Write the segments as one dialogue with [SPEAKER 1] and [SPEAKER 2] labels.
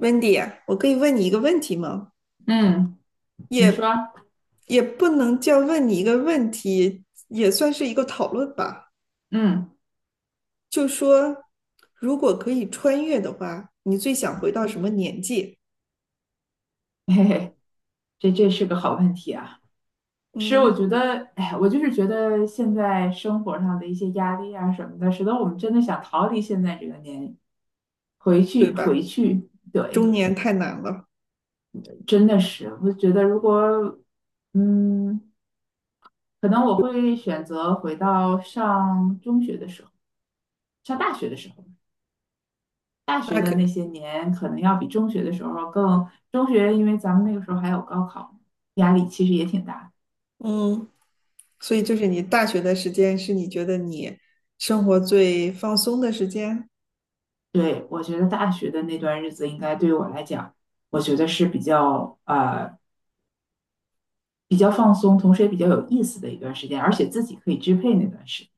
[SPEAKER 1] Wendy，我可以问你一个问题吗？
[SPEAKER 2] 嗯。你说，
[SPEAKER 1] 也也不能叫问你一个问题，也算是一个讨论吧。
[SPEAKER 2] 嗯，
[SPEAKER 1] 就说如果可以穿越的话，你最想回到什么年纪？
[SPEAKER 2] 嘿嘿，这是个好问题啊。是，我
[SPEAKER 1] 嗯，
[SPEAKER 2] 觉得，哎，我就是觉得现在生活上的一些压力啊什么的，使得我们真的想逃离现在这个年，回
[SPEAKER 1] 对
[SPEAKER 2] 去，
[SPEAKER 1] 吧？
[SPEAKER 2] 回去，对，
[SPEAKER 1] 中年太难了。
[SPEAKER 2] 真的是。我觉得如果，嗯，可能我会选择回到上中学的时候，上大学的时候，大
[SPEAKER 1] 那
[SPEAKER 2] 学的
[SPEAKER 1] 可，
[SPEAKER 2] 那些年，可能要比中学的时候更，中学因为咱们那个时候还有高考，压力其实也挺大的。
[SPEAKER 1] 嗯，所以就是你大学的时间是你觉得你生活最放松的时间？
[SPEAKER 2] 对，我觉得大学的那段日子应该对我来讲，我觉得是比较比较放松，同时也比较有意思的一段时间，而且自己可以支配那段时间。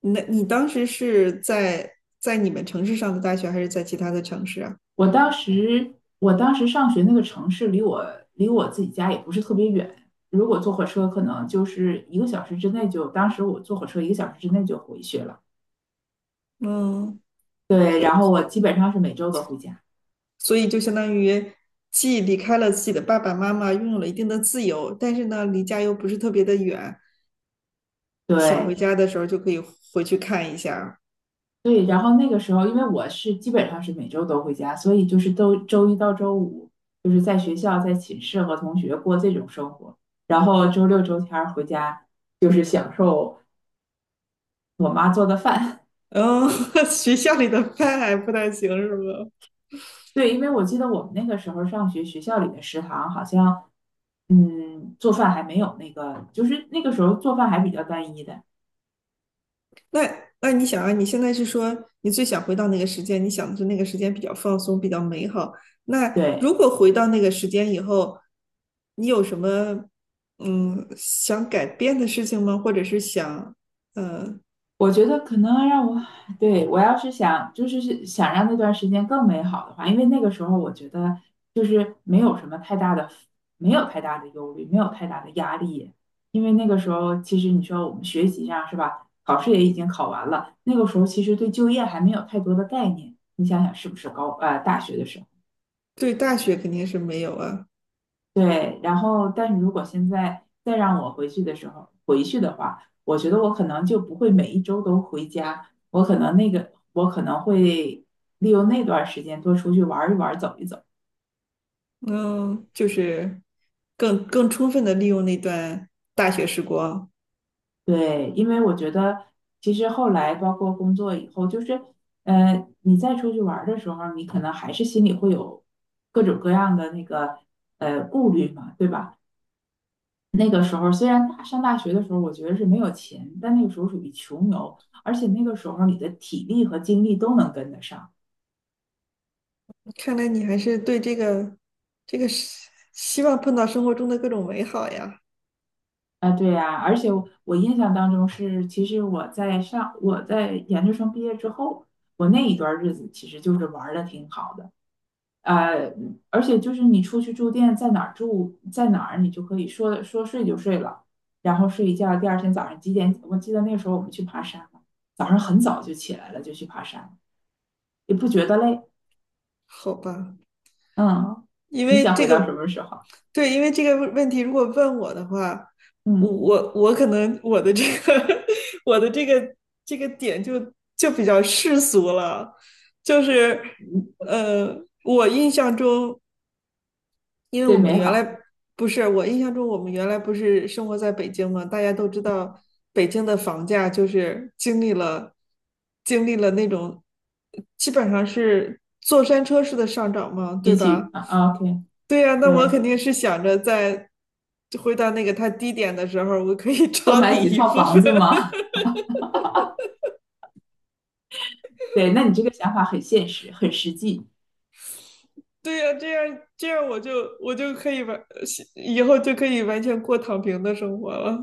[SPEAKER 1] 那你当时是在你们城市上的大学，还是在其他的城市啊？
[SPEAKER 2] 我当时上学那个城市离我，自己家也不是特别远，如果坐火车可能就是一个小时之内就，当时我坐火车一个小时之内就回去了。
[SPEAKER 1] 嗯。
[SPEAKER 2] 对，然后我基本上是每周都回家。
[SPEAKER 1] 所以就相当于既离开了自己的爸爸妈妈，拥有了一定的自由，但是呢，离家又不是特别的远，想回
[SPEAKER 2] 对，
[SPEAKER 1] 家的时候就可以回去看一下。
[SPEAKER 2] 对，然后那个时候，因为我是基本上是每周都回家，所以就是都周一到周五就是在学校、在寝室和同学过这种生活，然后周六周天儿回家就是享受我妈做的饭。
[SPEAKER 1] 嗯，学校里的饭还不太行，是吧？
[SPEAKER 2] 对，因为我记得我们那个时候上学，学校里的食堂好像，嗯，做饭还没有那个，就是那个时候做饭还比较单一的。
[SPEAKER 1] 那你想啊，你现在是说你最想回到那个时间，你想的是那个时间比较放松，比较美好。那
[SPEAKER 2] 对，
[SPEAKER 1] 如果回到那个时间以后，你有什么想改变的事情吗？或者是想。呃，
[SPEAKER 2] 我觉得可能让我，对，我要是想，就是是想让那段时间更美好的话，因为那个时候我觉得就是没有什么太大的，没有太大的忧虑，没有太大的压力，因为那个时候其实你说我们学习上是吧，考试也已经考完了，那个时候其实对就业还没有太多的概念，你想想是不是高，大学的时候。
[SPEAKER 1] 对大学肯定是没有啊。
[SPEAKER 2] 对，然后但是如果现在再让我回去的时候回去的话，我觉得我可能就不会每一周都回家，我可能那个我可能会利用那段时间多出去玩一玩走一走。
[SPEAKER 1] 嗯，就是更充分的利用那段大学时光。
[SPEAKER 2] 对，因为我觉得其实后来包括工作以后，就是你再出去玩儿的时候，你可能还是心里会有各种各样的那个顾虑嘛，对吧？那个时候虽然大上大学的时候，我觉得是没有钱，但那个时候属于穷游，而且那个时候你的体力和精力都能跟得上。
[SPEAKER 1] 看来你还是对这个是希望碰到生活中的各种美好呀。
[SPEAKER 2] 啊，对呀，而且我印象当中是，其实我在上我在研究生毕业之后，我那一段日子其实就是玩的挺好的。呃，而且就是你出去住店，在哪儿住在哪儿，你就可以说说睡就睡了，然后睡一觉，第二天早上几点？我记得那个时候我们去爬山，早上很早就起来了，就去爬山，也不觉得累。
[SPEAKER 1] 好吧，
[SPEAKER 2] 嗯，
[SPEAKER 1] 因
[SPEAKER 2] 你
[SPEAKER 1] 为
[SPEAKER 2] 想
[SPEAKER 1] 这
[SPEAKER 2] 回到什
[SPEAKER 1] 个，
[SPEAKER 2] 么时候？
[SPEAKER 1] 对，因为这个问题，如果问我的话，我
[SPEAKER 2] 嗯，
[SPEAKER 1] 我我可能我的这个 我的这个点就比较世俗了，就是
[SPEAKER 2] 嗯
[SPEAKER 1] 呃，我印象中。因为
[SPEAKER 2] 最
[SPEAKER 1] 我们
[SPEAKER 2] 美
[SPEAKER 1] 原来
[SPEAKER 2] 好，
[SPEAKER 1] 不是，我印象中我们原来不是生活在北京嘛，大家都知道北京的房价就是经历了那种基本上是坐山车式的上涨嘛，对
[SPEAKER 2] 比
[SPEAKER 1] 吧？
[SPEAKER 2] 起啊 o k
[SPEAKER 1] 对呀，那我
[SPEAKER 2] 对，
[SPEAKER 1] 肯定是想着回到那个它低点的时候，我可以
[SPEAKER 2] 多
[SPEAKER 1] 抄
[SPEAKER 2] 买
[SPEAKER 1] 底
[SPEAKER 2] 几
[SPEAKER 1] 一
[SPEAKER 2] 套
[SPEAKER 1] 部
[SPEAKER 2] 房
[SPEAKER 1] 分。
[SPEAKER 2] 子嘛。对，那你这个想法很现实，很实际，
[SPEAKER 1] 对呀，这样我就可以完，以后就可以完全过躺平的生活了。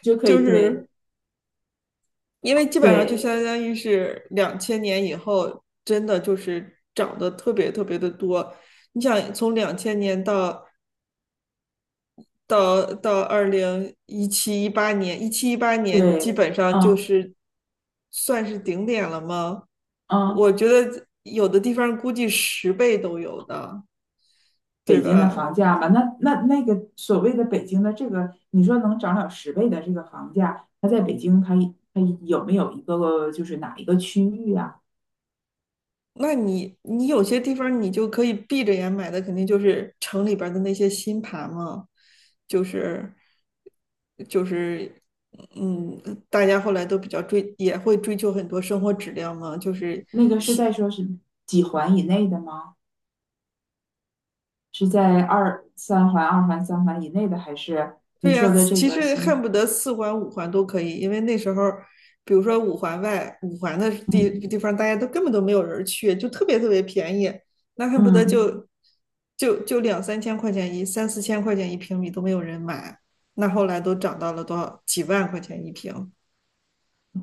[SPEAKER 2] 就可
[SPEAKER 1] 就
[SPEAKER 2] 以对
[SPEAKER 1] 是因为基本上就
[SPEAKER 2] 对
[SPEAKER 1] 相当于是两千年以后，真的就是涨得特别特别的多。你想从两千年到2017、18年，一七一八年基
[SPEAKER 2] 对。
[SPEAKER 1] 本上就
[SPEAKER 2] 嗯
[SPEAKER 1] 是算是顶点了吗？
[SPEAKER 2] 嗯，
[SPEAKER 1] 我觉得有的地方估计10倍都有的，对
[SPEAKER 2] 北京的
[SPEAKER 1] 吧？
[SPEAKER 2] 房价吧？那个所谓的北京的这个，你说能涨了十倍的这个房价，它在北京，它有没有一个就是哪一个区域啊？
[SPEAKER 1] 那你有些地方你就可以闭着眼买的，肯定就是城里边儿的那些新盘嘛，就是就是嗯，大家后来都比较追，也会追求很多生活质量嘛，
[SPEAKER 2] 那个是在说是几环以内的吗？是在二三环、二环、三环以内的，还是你
[SPEAKER 1] 对呀，
[SPEAKER 2] 说的这
[SPEAKER 1] 其
[SPEAKER 2] 个
[SPEAKER 1] 实
[SPEAKER 2] 新
[SPEAKER 1] 恨
[SPEAKER 2] 盘？
[SPEAKER 1] 不得四环五环都可以，因为那时候，比如说五环外、五环的地
[SPEAKER 2] 嗯
[SPEAKER 1] 地方，大家都根本都没有人去，就特别特别便宜，那恨不得嗯
[SPEAKER 2] 嗯，
[SPEAKER 1] 就就就两三千块钱一、三四千块钱一平米都没有人买，那后来都涨到了多少几万块钱一平，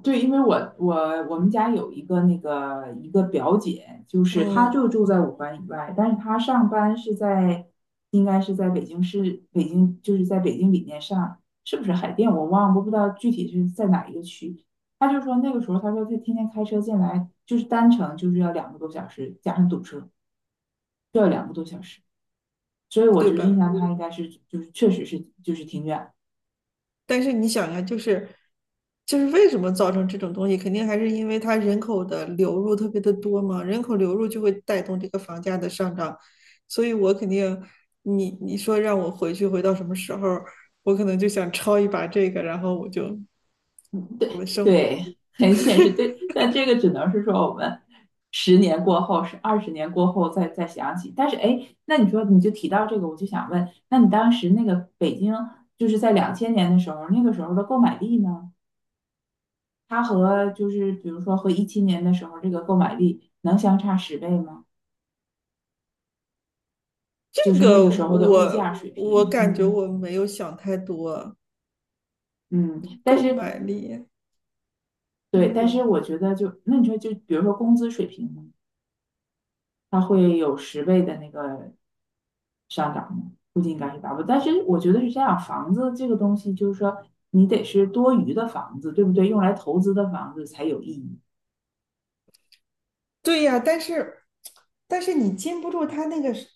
[SPEAKER 2] 对，因为我我们家有一个那个一个表姐，就是她
[SPEAKER 1] 嗯，
[SPEAKER 2] 就住在五环以外，但是她上班是在应该是在北京市，北京就是在北京里面上，是不是海淀？我忘了，我不知道具体是在哪一个区。她就说那个时候，她说她天天开车进来，就是单程就是要两个多小时，加上堵车，就要两个多小时。所以我
[SPEAKER 1] 对
[SPEAKER 2] 就印
[SPEAKER 1] 吧？
[SPEAKER 2] 象他应该是就是确实是就是挺远。
[SPEAKER 1] 但是你想呀，就是为什么造成这种东西，肯定还是因为它人口的流入特别的多嘛，人口流入就会带动这个房价的上涨，所以我肯定，你说让我回去回到什么时候，我可能就想抄一把这个，然后我就我的生
[SPEAKER 2] 对，很现实，对，但这个只能是说我们十年过后，是20年过后再想起。但是，哎，那你说你就提到这个，我就想问，那你当时那个北京，就是在2000年的时候，那个时候的购买力呢？它和就是比如说和17年的时候这个购买力能相差十倍吗？就
[SPEAKER 1] 这
[SPEAKER 2] 是那
[SPEAKER 1] 个
[SPEAKER 2] 个时候的物价
[SPEAKER 1] 我
[SPEAKER 2] 水
[SPEAKER 1] 我
[SPEAKER 2] 平，
[SPEAKER 1] 感觉
[SPEAKER 2] 嗯
[SPEAKER 1] 我没有想太多，
[SPEAKER 2] 嗯，但
[SPEAKER 1] 购
[SPEAKER 2] 是
[SPEAKER 1] 买力，
[SPEAKER 2] 对，但
[SPEAKER 1] 嗯。
[SPEAKER 2] 是我觉得就那你说就比如说工资水平呢？它会有十倍的那个促应感是达不到。但是我觉得是这样，房子这个东西就是说，你得是多余的房子，对不对？用来投资的房子才有意义。
[SPEAKER 1] 对呀，但是你禁不住他那个是，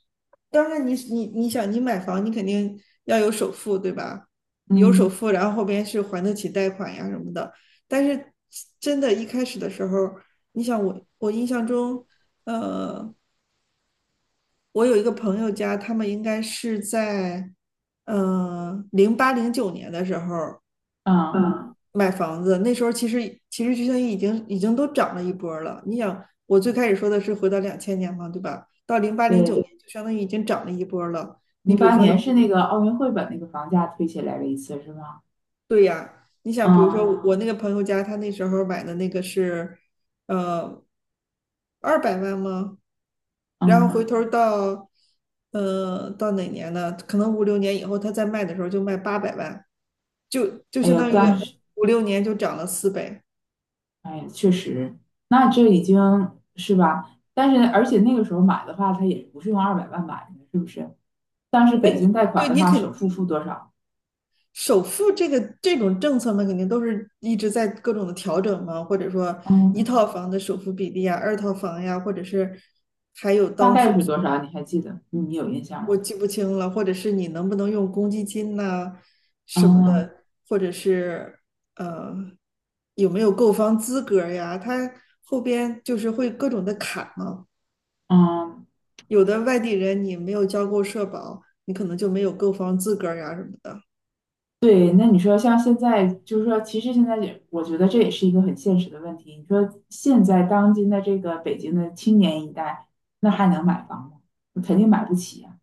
[SPEAKER 1] 当然你想你买房，你肯定要有首付，对吧？有首
[SPEAKER 2] 嗯
[SPEAKER 1] 付，然后后边是还得起贷款呀什么的。但是真的，一开始的时候，你想我印象中，呃，我有一个朋友家，他们应该是在零八零九年的时候，
[SPEAKER 2] 嗯。
[SPEAKER 1] 买房子，那时候其实就于已经都涨了一波儿了。你想，我最开始说的是回到两千年嘛，对吧？到零八零九
[SPEAKER 2] 对，
[SPEAKER 1] 年就相当于已经涨了一波儿了。你
[SPEAKER 2] 零
[SPEAKER 1] 比如
[SPEAKER 2] 八
[SPEAKER 1] 说，
[SPEAKER 2] 年是那个奥运会把那个房价推起来了一次，是吗？
[SPEAKER 1] 对呀，你想，比如说
[SPEAKER 2] 嗯
[SPEAKER 1] 啊我那个朋友家，他那时候买的那个是，呃，200万吗？然后
[SPEAKER 2] 嗯，
[SPEAKER 1] 回头儿到，到哪年呢？可能五六年以后，他再卖的时候就卖800万，就
[SPEAKER 2] 哎
[SPEAKER 1] 相
[SPEAKER 2] 呀，
[SPEAKER 1] 当于
[SPEAKER 2] 当时，
[SPEAKER 1] 五六年就涨了4倍。
[SPEAKER 2] 哎呀，确实，那这已经是吧？但是而且那个时候买的话，它也不是用200万买的，是不是？当时北京贷
[SPEAKER 1] 对。
[SPEAKER 2] 款的话，首付付多少？
[SPEAKER 1] 首付这个这种政策嘛，肯定都是一直在各种的调整嘛，或者说一
[SPEAKER 2] 嗯。
[SPEAKER 1] 套房的首付比例啊，二套房呀，或者是还有
[SPEAKER 2] 大
[SPEAKER 1] 当时
[SPEAKER 2] 概是多少？你还记得？你有印象
[SPEAKER 1] 我
[SPEAKER 2] 吗？
[SPEAKER 1] 记不清了，或者是你能不能用公积金呐、什么
[SPEAKER 2] 嗯
[SPEAKER 1] 的，或者是呃有没有购房资格呀，他后边就是会各种的卡嘛，
[SPEAKER 2] 嗯。
[SPEAKER 1] 有的外地人你没有交够社保，你可能就没有购房资格呀什么的。
[SPEAKER 2] 对，那你说像现在，就是说，其实现在也，我觉得这也是一个很现实的问题。你说现在当今的这个北京的青年一代，那还能买房吗？肯定买不起呀、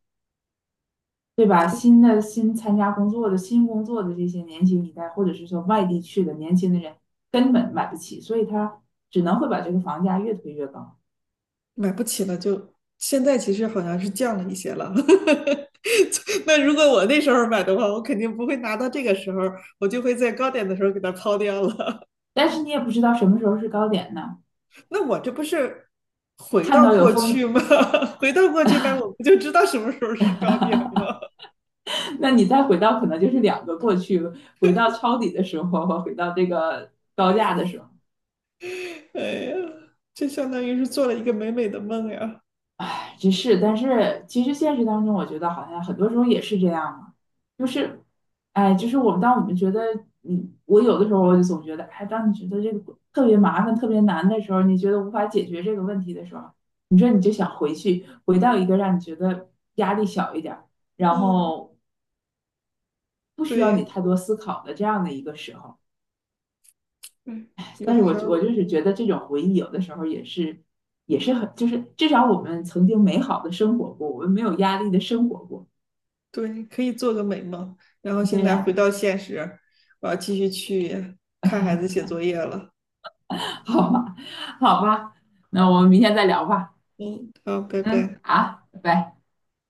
[SPEAKER 2] 对吧？新的新参加工作的新工作的这些年轻一代，或者是说外地去的年轻的人，根本买不起，所以他只能会把这个房价越推越高。
[SPEAKER 1] 买不起了就，现在其实好像是降了一些了。那如果我那时候买的话，我肯定不会拿到这个时候，我就会在高点的时候给它抛掉了。
[SPEAKER 2] 但是你也不知道什么时候是高点呢。
[SPEAKER 1] 那我这不是回
[SPEAKER 2] 看
[SPEAKER 1] 到
[SPEAKER 2] 到有
[SPEAKER 1] 过去
[SPEAKER 2] 风
[SPEAKER 1] 吗？回到过去，那我不就知道什么时候是高点吗？
[SPEAKER 2] 那你再回到可能就是两个过去，回到抄底的时候和回到这个高价的时候，
[SPEAKER 1] 哎呀，这相当于是做了一个美美的梦呀。
[SPEAKER 2] 哎，这是。但是其实现实当中，我觉得好像很多时候也是这样嘛，就是，哎，就是我们当我们觉得，我有的时候我就总觉得，哎，当你觉得这个特别麻烦、特别难的时候，你觉得无法解决这个问题的时候，你说你就想回去，回到一个让你觉得压力小一点儿，然
[SPEAKER 1] 嗯，
[SPEAKER 2] 后不需要
[SPEAKER 1] 对，
[SPEAKER 2] 你太多思考的这样的一个时候。
[SPEAKER 1] 对，有
[SPEAKER 2] 但是
[SPEAKER 1] 的
[SPEAKER 2] 我
[SPEAKER 1] 时候
[SPEAKER 2] 我就是觉得这种回忆有的时候也是很，就是至少我们曾经美好的生活过，我们没有压力的生活过。
[SPEAKER 1] 对，可以做个美梦，然后现
[SPEAKER 2] 对
[SPEAKER 1] 在回
[SPEAKER 2] 呀，
[SPEAKER 1] 到现实，我要继续去看孩子写作业了。
[SPEAKER 2] 好吧，好吧，那我们明天再聊吧。
[SPEAKER 1] 嗯，好，拜
[SPEAKER 2] 嗯，
[SPEAKER 1] 拜。
[SPEAKER 2] 好，拜拜。